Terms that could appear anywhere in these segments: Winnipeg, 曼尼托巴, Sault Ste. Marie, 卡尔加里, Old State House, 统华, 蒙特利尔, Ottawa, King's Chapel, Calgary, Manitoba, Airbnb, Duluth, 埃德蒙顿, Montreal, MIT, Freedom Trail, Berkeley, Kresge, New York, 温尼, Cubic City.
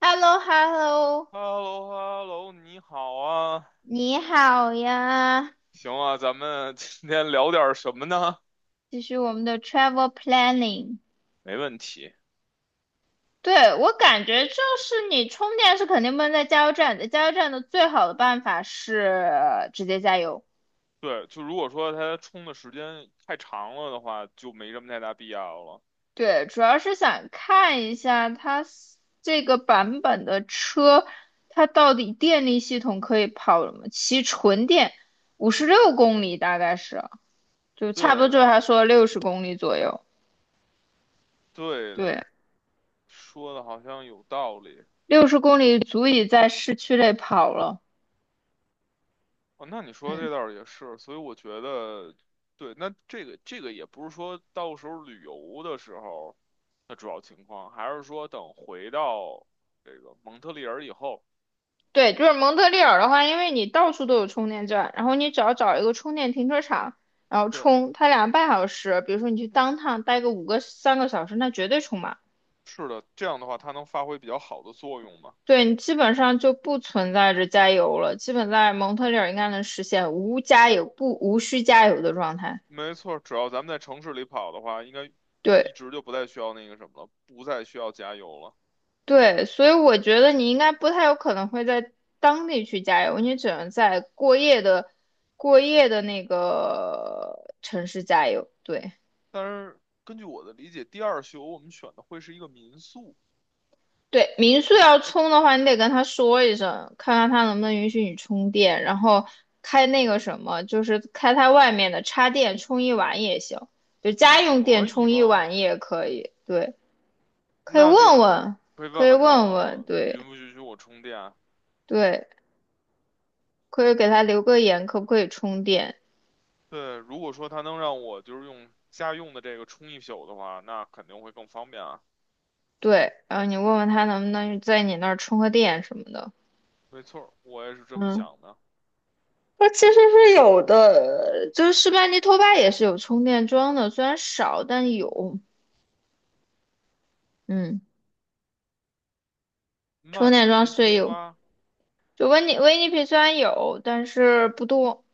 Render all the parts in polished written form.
h e l l o h e l l o h e l l o h e l l o 你好啊，你好呀，行啊，咱们今天聊点儿什么呢？继续我们的 travel planning。没问题。对，我感觉就是你充电是肯定不能在加油站的，在加油站的最好的办法是直接加油。对，就如果说它充的时间太长了的话，就没什么太大必要了。对，主要是想看一下它 这个版本的车，它到底电力系统可以跑什么？骑纯电56公里大概是，就差不对多就是的，他说六十公里左右。对的，对。说的好像有道理。六十公里足以在市区内跑了。哦，那你说嗯，这倒是也是，所以我觉得，对，那这个也不是说到时候旅游的时候的主要情况，还是说等回到这个蒙特利尔以后。对，就是蒙特利尔的话，因为你到处都有充电站，然后你只要找一个充电停车场，然后对，充，它2个半小时，比如说你去当趟待个五个三个小时，那绝对充满。是的，这样的话它能发挥比较好的作用嘛？对你基本上就不存在着加油了，基本在蒙特利尔应该能实现无加油不无需加油的状态。没错，只要咱们在城市里跑的话，应该对。一直就不再需要那个什么了，不再需要加油了。对，所以我觉得你应该不太有可能会在当地去加油，你只能在过夜的那个城市加油。对但是根据我的理解，第二宿我们选的会是一个民宿，对，民宿我要充的话，你得跟他说一声，看看他能不能允许你充电，然后开那个什么，就是开它外面的插电充一晚也行，就家用我电可以充一吗？晚也可以。对，可以那就问可问，可以可问以问他问问，了，允对不允许我充电啊？对，可以给他留个言，可不可以充电。对，如果说他能让我就是用家用的这个充一宿的话，那肯定会更方便啊。对，然后你问问他能不能在你那儿充个电什么的。没错儿，我也是这么嗯，想的。它其实是有的，就是士班尼托巴也是有充电桩的，虽然少，但有。嗯，充曼电桩尼虽托有，巴，就温尼威尼皮虽然有，但是不多。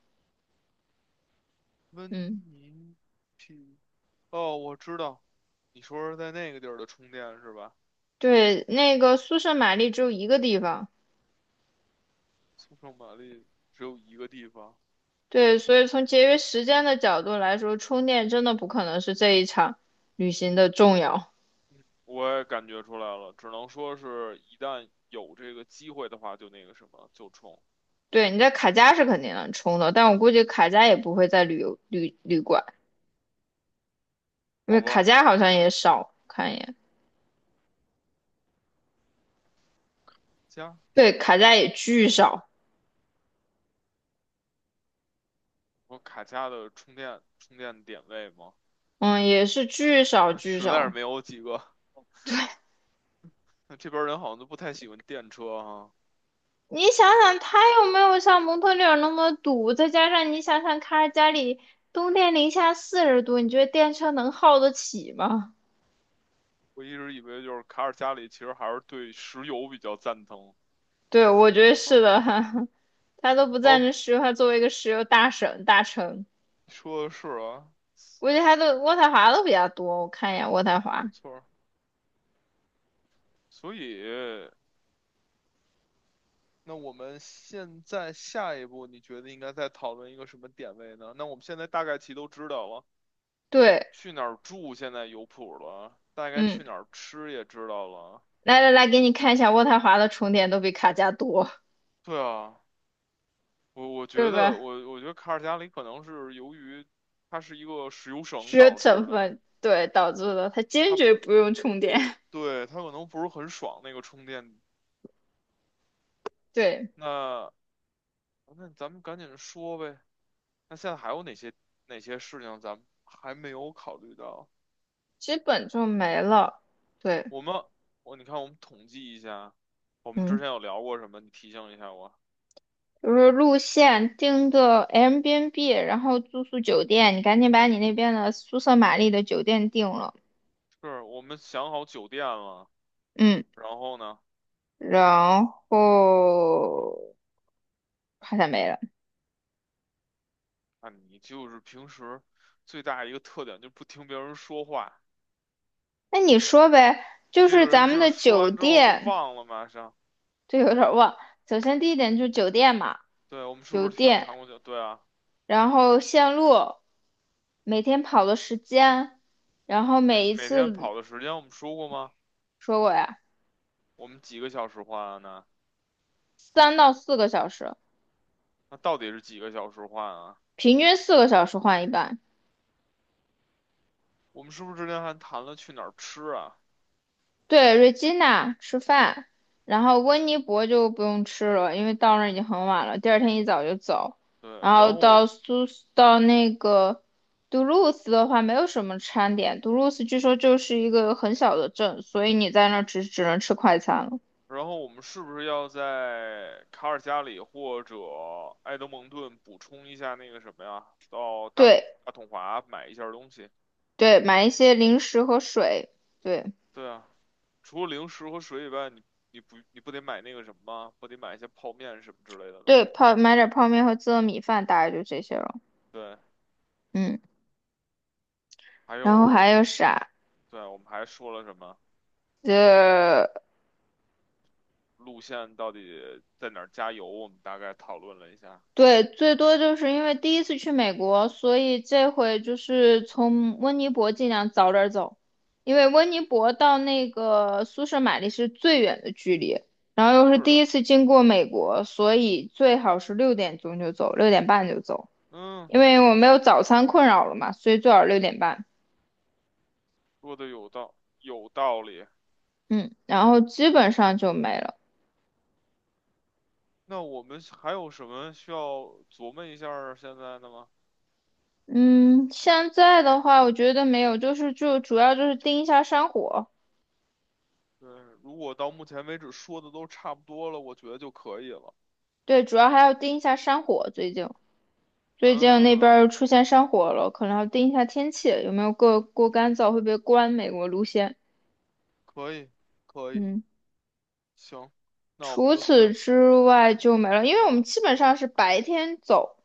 嗯，温尼。哦，我知道，你说是在那个地儿的充电是吧？对，那个苏圣玛丽只有一个地方。速胜玛丽只有一个地方，对，所以从节约时间的角度来说，充电真的不可能是这一场旅行的重要。我也感觉出来了，只能说是一旦有这个机会的话，就那个什么，就充对，你在卡加是肯定能充的，但我估计卡加也不会在旅游旅馆。因为好卡吧？价好像也少，看一眼，家，对，卡价也巨少，我卡家的充电点位吗？嗯，也是巨少 巨实在是少。没有几个。那这边人好像都不太喜欢电车哈。你想想，它有没有像蒙特利尔那么堵，再加上你想想，卡尔加里冬天零下40度，你觉得电车能耗得起吗？我一直以为就是卡尔加里其实还是对石油比较赞同。对，我觉得是的，他都不 赞哦，成石油，它作为一个石油大省大城，说的是啊，估计他的渥太华都比较多。我看一眼渥太没华，错儿。所以那我们现在下一步，你觉得应该再讨论一个什么点位呢？那我们现在大概齐都知道了，对，去哪儿住现在有谱了，大概嗯，去哪儿吃也知道了。来来来，给你看一下渥太华的充电都比卡加多，对啊，我我对觉得吧？我我觉得卡尔加里可能是由于它是一个石油省是导致成的，分，对，导致的，它坚它决不，不用充电，对，它可能不是很爽那个充电。对，那那咱们赶紧说呗。那现在还有哪些事情咱们还没有考虑到？基本就没了，对，我们，我你看，我们统计一下，我们之嗯，前有聊过什么？你提醒一下我。就是路线订个 Airbnb,然后住宿酒店，你赶紧把你那边的苏瑟玛丽的酒店订了，是我们想好酒店了，嗯，然后呢，然后好像没了，啊，你就是平时最大一个特点就不听别人说话，那你说呗，就这是个人咱们就是的说酒完之后都店，忘了，马上。这有点儿忘，首先第一点就是酒店嘛，对，我们是酒不是谈店。过酒？对啊，然后线路，每天跑的时间，然后每每一每天次跑的时间我们说过吗？说过呀，我们几个小时换啊呢？3到4个小时，那到底是几个小时换啊？平均四个小时换一班。我们是不是之前还谈了去哪儿吃啊？对瑞 e 娜吃饭，然后温尼伯就不用吃了，因为到那儿已经很晚了，第二天一早就走。对，然然后后我到那个杜鲁斯的话，没有什么餐点。杜鲁斯据说就是一个很小的镇，所以你在那儿只能吃快餐了。然后我们是不是要在卡尔加里或者埃德蒙顿补充一下那个什么呀？到大对，大统华买一下东西。对，买一些零食和水，对对啊，除了零食和水以外，你不得买那个什么吗？不得买一些泡面什么之类的东对，西。买点泡面和自热米饭，大概就这些了。对，嗯，还然后有还有是，啥？对，我们还说了什么呃，路线到底在哪儿加油？我们大概讨论了一下。对，最多就是因为第一次去美国，所以这回就是从温尼伯尽量早点走，因为温尼伯到那个苏舍马利是最远的距离，然后又是是第一的，次经过美国，所以最好是6点钟就走，六点半就走，嗯，因为我没有早餐困扰了嘛，所以最好六点半。说的有道理。嗯，然后基本上就没了。那我们还有什么需要琢磨一下儿现在的吗？嗯，现在的话，我觉得没有，就是就主要就是盯一下山火，对，如果到目前为止说的都差不多了，我觉得就可以了。对，主要还要盯一下山火。最近那边儿嗯，出现山火了，可能要盯一下天气，有没有过干燥，会不会关美国路线。可以，可以，嗯，行，那我们除就最，此之外就没了，因嗯为我们哼，基本上是白天走，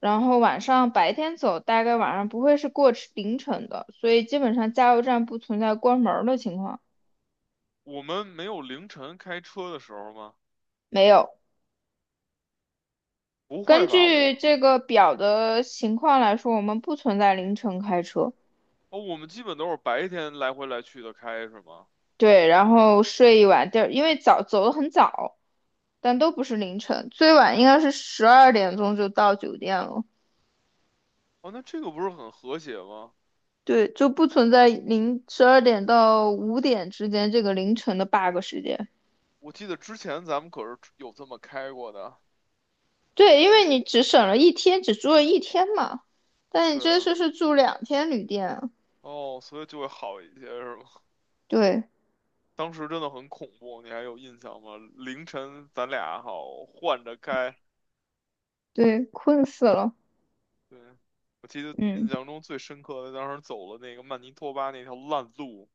然后晚上白天走，大概晚上不会是过凌晨的，所以基本上加油站不存在关门儿的情况，我们没有凌晨开车的时候吗？没有。不会根吧，据我，这个表的情况来说，我们不存在凌晨开车，哦，我们基本都是白天来回来去的开，是吗？对，然后睡一晚地儿，因为早走得很早，但都不是凌晨，最晚应该是12点钟就到酒店了，哦，那这个不是很和谐吗？对，就不存在零十二点到5点之间这个凌晨的 bug 时间，我记得之前咱们可是有这么开过的。对，因为你只省了一天，只住了一天嘛，但你对这啊，次是住两天旅店啊哦，所以就会好一些，是吗？对当时真的很恐怖，你还有印象吗？凌晨咱俩好换着开，对，困死了，对，我记得印嗯，象中最深刻的，当时走了那个曼尼托巴那条烂路，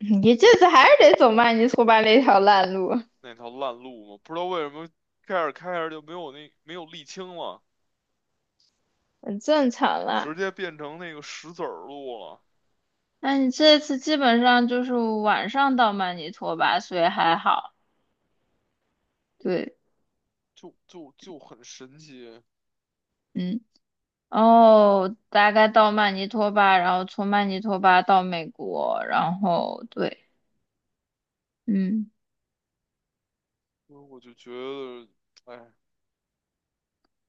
你这次还是得走曼尼托巴那条烂路。那条烂路嘛，不知道为什么开着开着就没有沥青了，很正常啦。直接变成那个石子儿路了，那你这次基本上就是晚上到曼尼托巴，所以还好。对，就很神奇，嗯，哦，大概到曼尼托巴，然后从曼尼托巴到美国，然后对，嗯，所以我就觉得，哎，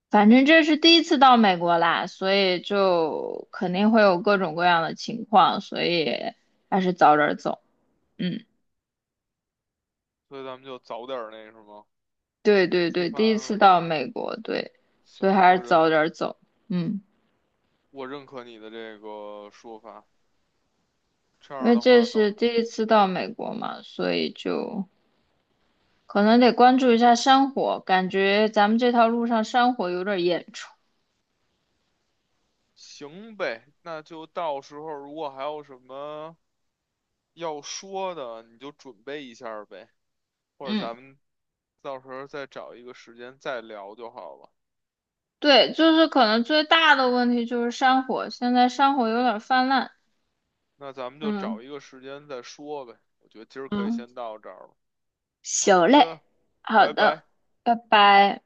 反正这是第一次到美国啦，所以就肯定会有各种各样的情况，所以还是早点走。嗯，所以咱们就早点儿那什么对对对，出第一发是次到吗？美国，对，所以行，还或是者早点走。嗯。我认可你的这个说法。这因样为的这话，是等第一次到美国嘛，所以就可能得关注一下山火，感觉咱们这条路上山火有点严重。行呗，那就到时候如果还有什么要说的，你就准备一下儿呗，或者嗯，咱们到时候再找一个时间再聊就好了。对，就是可能最大的问题就是山火，现在山火有点泛滥。那咱们就找嗯一个时间再说呗。我觉得今儿可以嗯，先到这儿了。好行嘞，的，好拜的，拜。拜拜。